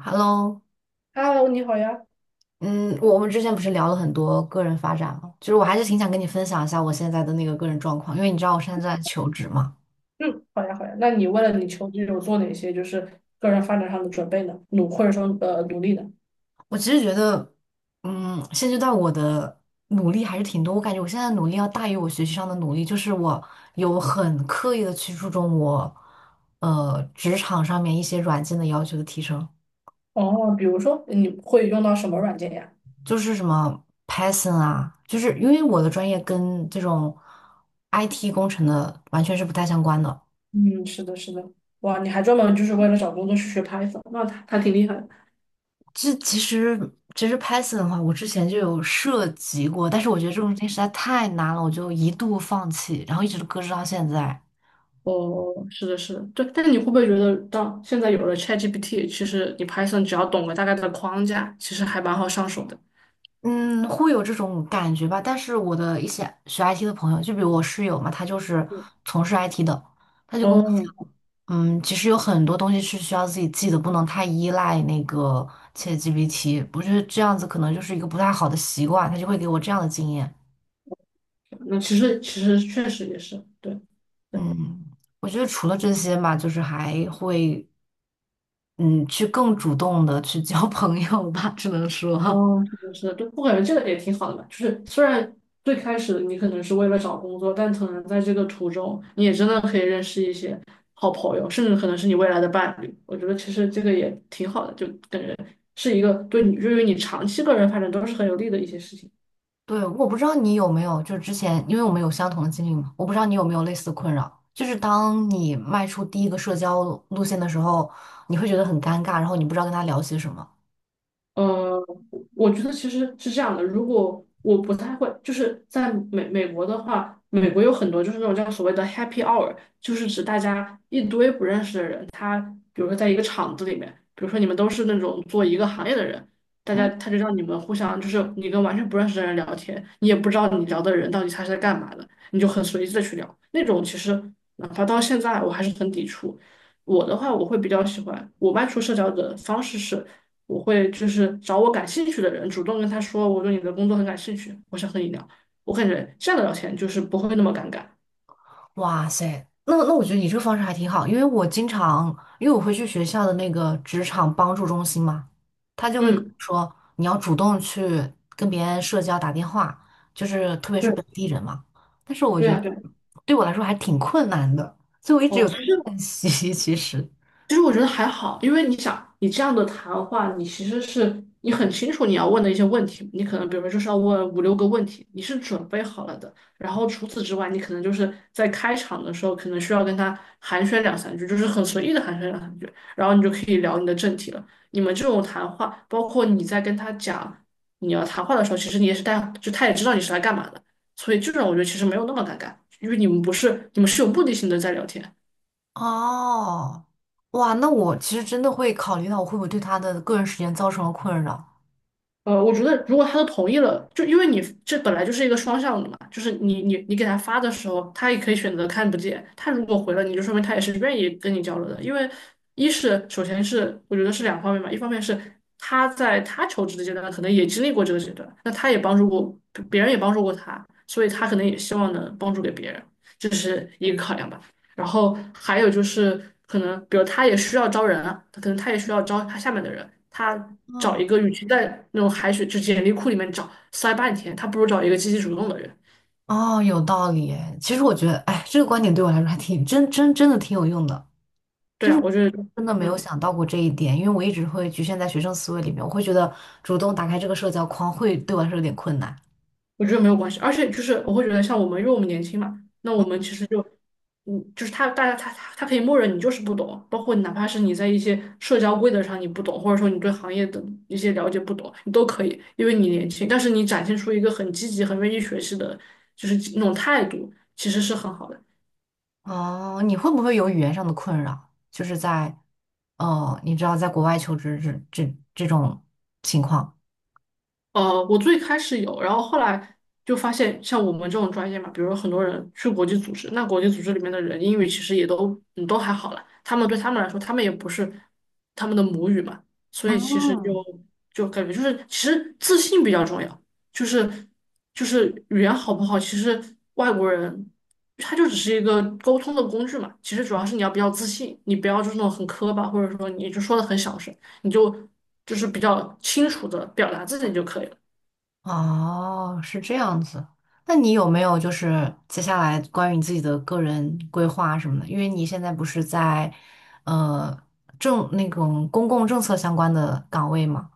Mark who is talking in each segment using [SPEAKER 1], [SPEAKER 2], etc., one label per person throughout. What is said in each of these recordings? [SPEAKER 1] Hello，
[SPEAKER 2] Hello，你好呀。
[SPEAKER 1] 嗯，我们之前不是聊了很多个人发展吗？就是我还是挺想跟你分享一下我现在的那个个人状况，因为你知道我现在在求职嘛。
[SPEAKER 2] 嗯，好呀，好呀。那你为了你求职有做哪些就是个人发展上的准备呢？或者说努力呢？
[SPEAKER 1] 我其实觉得，嗯，现阶段我的努力还是挺多，我感觉我现在的努力要大于我学习上的努力，就是我有很刻意的去注重我，职场上面一些软件的要求的提升，
[SPEAKER 2] 哦，比如说你会用到什么软件呀？
[SPEAKER 1] 就是什么 Python 啊，就是因为我的专业跟这种 IT 工程的完全是不太相关的。
[SPEAKER 2] 嗯，是的，是的。哇，你还专门就是为了找工作去学 Python，那他挺厉害的。
[SPEAKER 1] 这其实其实 Python 的话，我之前就有涉及过，但是我觉得这种东西实在太难了，我就一度放弃，然后一直搁置到现在。
[SPEAKER 2] 哦，是的，是的，对。但是你会不会觉得到现在有了 ChatGPT，其实你 Python 只要懂个大概的框架，其实还蛮好上手的。
[SPEAKER 1] 嗯，会有这种感觉吧。但是我的一些学 IT 的朋友，就比如我室友嘛，他就是从事 IT 的。
[SPEAKER 2] 哦，
[SPEAKER 1] 嗯，其实有很多东西是需要自己记的，不能太依赖那个 ChatGPT。不是这样子可能就是一个不太好的习惯，他就会给我这样的经验。
[SPEAKER 2] 那其实确实也是，对。对。
[SPEAKER 1] 嗯，我觉得除了这些吧，就是还会，嗯，去更主动的去交 朋友吧，只能说，
[SPEAKER 2] 哦，是的，是的，就不感觉这个也挺好的吧？就是虽然最开始你可能是为了找工作，但可能在这个途中，你也真的可以认识一些好朋友，甚至可能是你未来的伴侣。我觉得其实这个也挺好的，就感觉是一个对于你长期个人发展都是很有利的一些事情。
[SPEAKER 1] 对，我不知道你有没有，就是之前，因为我们有相同的经历嘛，我不知道你有没有类似的困扰，就是当你迈出第一个社交路线的时候，你会觉得很尴尬，然后你不知道跟他聊些什么。
[SPEAKER 2] 呃，我觉得其实是这样的。如果我不太会，就是在美国的话，美国有很多就是那种叫所谓的 happy hour，就是指大家一堆不认识的人，他比如说在一个厂子里面，比如说你们都是那种做一个行业的人，大家
[SPEAKER 1] 嗯。
[SPEAKER 2] 他就让你们互相就是你跟完全不认识的人聊天，你也不知道你聊的人到底他是在干嘛的，你就很随意的去聊。那种其实哪怕到现在我还是很抵触。我的话，我会比较喜欢我外出社交的方式是。我会就是找我感兴趣的人，主动跟他说我对你的工作很感兴趣，我想和你聊。我感觉这样的聊天就是不会那么尴尬。
[SPEAKER 1] 哇塞，那我觉得你这个方式还挺好，因为我经常，因为我会去学校的那个职场帮助中心嘛，他就会跟我
[SPEAKER 2] 嗯，
[SPEAKER 1] 说你要主动去跟别人社交打电话，就是特别是
[SPEAKER 2] 对，
[SPEAKER 1] 本地人嘛。但是我
[SPEAKER 2] 对
[SPEAKER 1] 觉得
[SPEAKER 2] 啊，对。
[SPEAKER 1] 对我来说还挺困难的，所以我一直
[SPEAKER 2] 哦，
[SPEAKER 1] 有在
[SPEAKER 2] 其实
[SPEAKER 1] 练习。其实，
[SPEAKER 2] 我觉得还好，因为你想，你这样的谈话，你其实是你很清楚你要问的一些问题，你可能比如说就是要问五六个问题，你是准备好了的。然后除此之外，你可能就是在开场的时候，可能需要跟他寒暄两三句，就是很随意的寒暄两三句，然后你就可以聊你的正题了。你们这种谈话，包括你在跟他讲你要谈话的时候，其实你也是带，就他也知道你是来干嘛的，所以这种我觉得其实没有那么尴尬，因为你们不是，你们是有目的性的在聊天。
[SPEAKER 1] 哦，哇，那我其实真的会考虑到我会不会对他的个人时间造成了困扰。
[SPEAKER 2] 我觉得如果他都同意了，就因为你这本来就是一个双向的嘛，就是你给他发的时候，他也可以选择看不见。他如果回了你，就说明他也是愿意跟你交流的。因为一是首先是我觉得是两方面吧，一方面是他在他求职的阶段可能也经历过这个阶段，那他也帮助过别人，也帮助过他，所以他可能也希望能帮助给别人，这是一个考量吧。然后还有就是可能，比如他也需要招人啊，可能他也需要招他下面的人，他找
[SPEAKER 1] 嗯，
[SPEAKER 2] 一个，与其在那种海水就简历库里面找塞半天，他不如找一个积极主动的人。
[SPEAKER 1] 哦，有道理诶其实我觉得，哎，这个观点对我来说还挺真的挺有用的。
[SPEAKER 2] 对
[SPEAKER 1] 就是
[SPEAKER 2] 啊，
[SPEAKER 1] 我
[SPEAKER 2] 我觉得，
[SPEAKER 1] 真的没有
[SPEAKER 2] 嗯。
[SPEAKER 1] 想到过这一点，因为我一直会局限在学生思维里面，我会觉得主动打开这个社交框会对我来说有点困难。
[SPEAKER 2] 我觉得没有关系，而且就是我会觉得像我们，因为我们年轻嘛，那我们其实就，就是他大家他可以默认你就是不懂，包括哪怕是你在一些社交规则上你不懂，或者说你对行业的一些了解不懂，你都可以，因为你年轻，但是你展现出一个很积极、很愿意学习的，就是那种态度，其实是很好的。
[SPEAKER 1] 哦，你会不会有语言上的困扰？就是在，哦，你知道，在国外求职这种情况。
[SPEAKER 2] 我最开始有，然后后来就发现，像我们这种专业嘛，比如说很多人去国际组织，那国际组织里面的人英语其实也都都还好了，他们对他们来说，他们也不是他们的母语嘛，所以其实就
[SPEAKER 1] 嗯
[SPEAKER 2] 感觉就是其实自信比较重要，就是语言好不好，其实外国人他就只是一个沟通的工具嘛，其实主要是你要比较自信，你不要就是那种很磕巴，或者说你就说的很小声。你就是比较清楚的表达自己就可以了。
[SPEAKER 1] 哦，是这样子。那你有没有就是接下来关于你自己的个人规划什么的？因为你现在不是在呃政那种公共政策相关的岗位吗？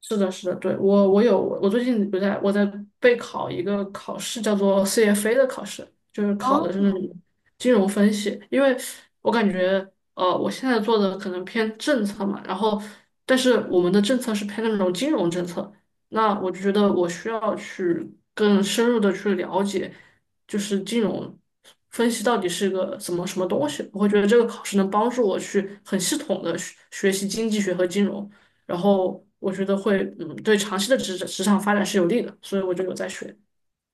[SPEAKER 2] 是的，是的，对，我有我最近不在我在备考一个考试，叫做 CFA 的考试，就是考
[SPEAKER 1] 哦
[SPEAKER 2] 的是那种金融分析。因为我感觉，我现在做的可能偏政策嘛，然后但是我们的政策是偏那种金融政策，那我就觉得我需要去更深入的去了解，就是金融分析到底是个什么东西。我会觉得这个考试能帮助我去很系统的学习经济学和金融。然后我觉得会对长期的职场发展是有利的，所以我就有在学。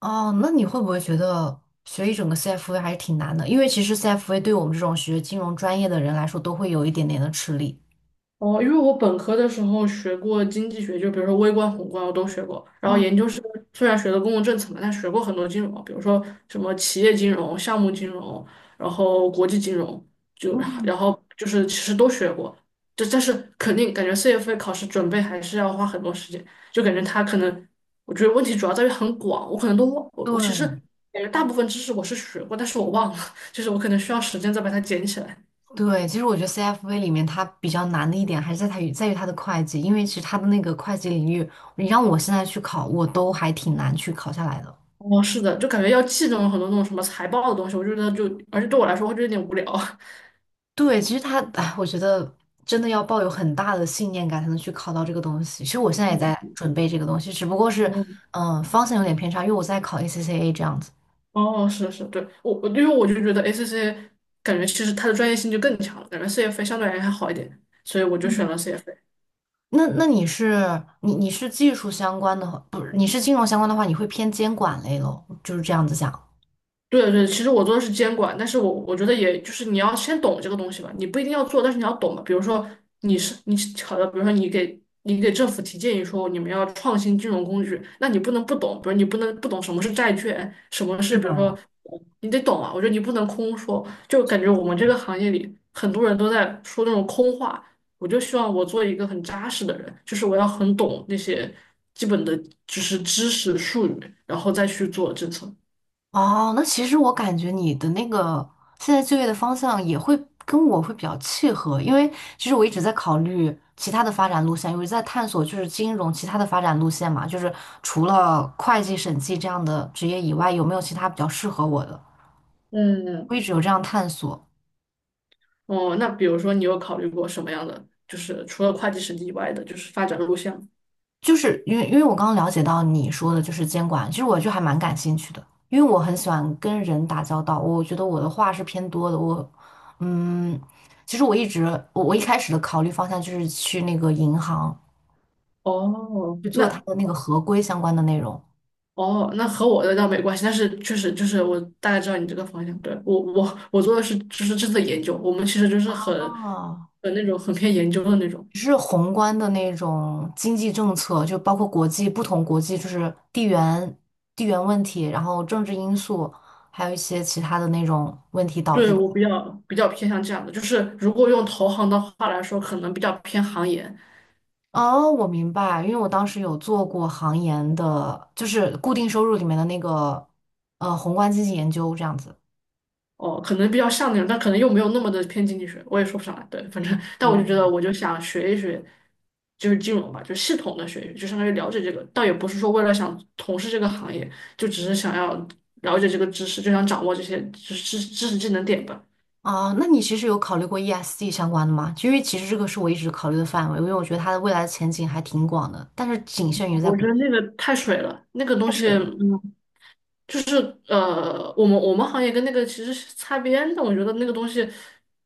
[SPEAKER 1] 哦，那你会不会觉得学一整个 CFA 还是挺难的？因为其实 CFA 对我们这种学金融专业的人来说，都会有一点点的吃力。
[SPEAKER 2] 哦，因为我本科的时候学过经济学，就比如说微观、宏观我都学过。然后
[SPEAKER 1] 嗯，
[SPEAKER 2] 研究生虽然学的公共政策嘛，但学过很多金融，比如说什么企业金融、项目金融，然后国际金融，就
[SPEAKER 1] 嗯
[SPEAKER 2] 然后就是其实都学过。但是肯定感觉 CFA 考试准备还是要花很多时间，就感觉它可能，我觉得问题主要在于很广，我可能都忘，我其实
[SPEAKER 1] 对。
[SPEAKER 2] 感觉大部分知识我是学过，但是我忘了，就是我可能需要时间再把它捡起来。
[SPEAKER 1] 对，其实我觉得 CFA 里面它比较难的一点还是在在于它的会计，因为其实它的那个会计领域，你让我现在去考，我都还挺难去考下来的。
[SPEAKER 2] 哦，是的，就感觉要记那种很多那种什么财报的东西，我觉得就，而且对我来说，会就有点无聊。
[SPEAKER 1] 对，其实它，哎，我觉得真的要抱有很大的信念感才能去考到这个东西。其实我现在也在
[SPEAKER 2] 嗯，
[SPEAKER 1] 准备这个东西，只不过是，
[SPEAKER 2] 哦，
[SPEAKER 1] 嗯、方向有点偏差，因为我在考 ACCA 这样子。
[SPEAKER 2] 哦，是是，对，我因为我就觉得 ACC 感觉其实它的专业性就更强了，感觉 CFA 相对来说还好一点，所以我就选
[SPEAKER 1] 嗯。
[SPEAKER 2] 了 CFA。
[SPEAKER 1] 那你你是技术相关的话，不是你是金融相关的话，你会偏监管类咯，就是这样子讲。
[SPEAKER 2] 对对，其实我做的是监管，但是我觉得也就是你要先懂这个东西吧，你不一定要做，但是你要懂嘛。比如说你是你好的，比如说你给政府提建议说你们要创新金融工具，那你不能不懂，比如你不能不懂什么是债券，什么是
[SPEAKER 1] 是
[SPEAKER 2] 比如说
[SPEAKER 1] 的，
[SPEAKER 2] 你得懂啊。我觉得你不能空说，就感觉我们这个行业里很多人都在说那种空话。我就希望我做一个很扎实的人，就是我要很懂那些基本的就是知识术语，然后再去做政策。
[SPEAKER 1] 哦，那其实我感觉你的那个现在就业的方向也会跟我会比较契合，因为其实我一直在考虑其他的发展路线，我一直在探索就是金融其他的发展路线嘛，就是除了会计、审计这样的职业以外，有没有其他比较适合我的？
[SPEAKER 2] 嗯，
[SPEAKER 1] 我一直有这样探索。
[SPEAKER 2] 哦，那比如说你有考虑过什么样的，就是除了会计审计以外的，就是发展路线吗？
[SPEAKER 1] 就是因为我刚刚了解到你说的就是监管，其实我就还蛮感兴趣的，因为我很喜欢跟人打交道，我觉得我的话是偏多的，我嗯，其实我一开始的考虑方向就是去那个银行
[SPEAKER 2] 哦，
[SPEAKER 1] 去做它
[SPEAKER 2] 那。
[SPEAKER 1] 的那个合规相关的内容。
[SPEAKER 2] 哦，那和我的倒没关系，但是确实就是我大概知道你这个方向。对，我做的是就是这次的研究，我们其实就是很
[SPEAKER 1] 哦，
[SPEAKER 2] 很那种很偏研究的那种。
[SPEAKER 1] 就是宏观的那种经济政策，就包括国际不同国际，就是地缘问题，然后政治因素，还有一些其他的那种问题导
[SPEAKER 2] 对，
[SPEAKER 1] 致。
[SPEAKER 2] 我比较偏向这样的，就是如果用投行的话来说，可能比较偏行业；
[SPEAKER 1] 哦，我明白，因为我当时有做过行研的，就是固定收入里面的那个宏观经济研究这样子。
[SPEAKER 2] 哦，可能比较像那种，但可能又没有那么的偏经济学，我也说不上来。对，反正，但我就觉得，我就想学一学，就是金融吧，就系统的学一学，就相当于了解这个，倒也不是说为了想从事这个行业，就只是想要了解这个知识，就想掌握这些知识技能点吧。
[SPEAKER 1] 啊，那你其实有考虑过 ESG 相关的吗？因为其实这个是我一直考虑的范围，因为我觉得它的未来的前景还挺广的，但是仅限于在
[SPEAKER 2] 我
[SPEAKER 1] 股
[SPEAKER 2] 觉得那个太水了，那个东
[SPEAKER 1] 太
[SPEAKER 2] 西，
[SPEAKER 1] 水了。
[SPEAKER 2] 就是我们行业跟那个其实是擦边的，我觉得那个东西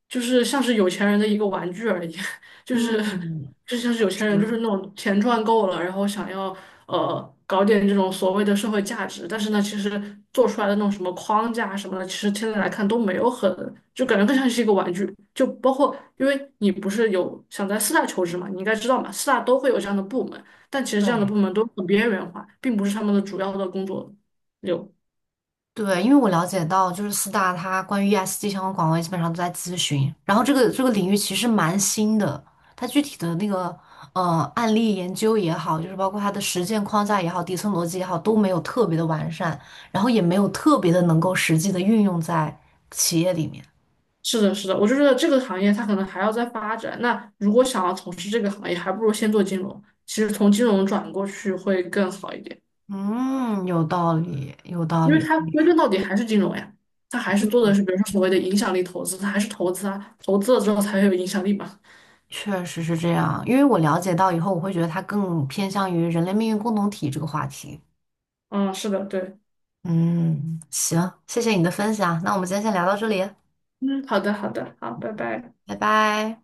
[SPEAKER 2] 就是像是有钱人的一个玩具而已，就是
[SPEAKER 1] 嗯，
[SPEAKER 2] 就像是有钱人就
[SPEAKER 1] 是，
[SPEAKER 2] 是那种钱赚够了，然后想要搞点这种所谓的社会价值，但是呢，其实做出来的那种什么框架什么的，其实现在来看都没有很，就感觉更像是一个玩具，就包括因为你不是有想在四大求职嘛，你应该知道嘛，四大都会有这样的部门，但其实这样的
[SPEAKER 1] 对。
[SPEAKER 2] 部门都很边缘化，并不是他们的主要的工作。有。
[SPEAKER 1] 对，因为我了解到，就是四大它关于 ESG 相关岗位基本上都在咨询，然后这个领域其实蛮新的，它具体的那个案例研究也好，就是包括它的实践框架也好、底层逻辑也好，都没有特别的完善，然后也没有特别的能够实际的运用在企业里面。
[SPEAKER 2] 是的，是的，我就觉得这个行业它可能还要再发展。那如果想要从事这个行业，还不如先做金融。其实从金融转过去会更好一点，
[SPEAKER 1] 嗯，有道理，有道
[SPEAKER 2] 因为
[SPEAKER 1] 理，
[SPEAKER 2] 它归根到底还是金融呀，它还是做的是比如说所谓的影响力投资，它还是投资啊，投资了之后才会有影响力嘛。
[SPEAKER 1] 确实是这样。因为我了解到以后，我会觉得它更偏向于人类命运共同体这个话题。
[SPEAKER 2] 嗯，是的，对，
[SPEAKER 1] 嗯，行，谢谢你的分享，那我们今天先聊到这里，
[SPEAKER 2] 嗯，好的，好的，好，拜拜。
[SPEAKER 1] 拜拜。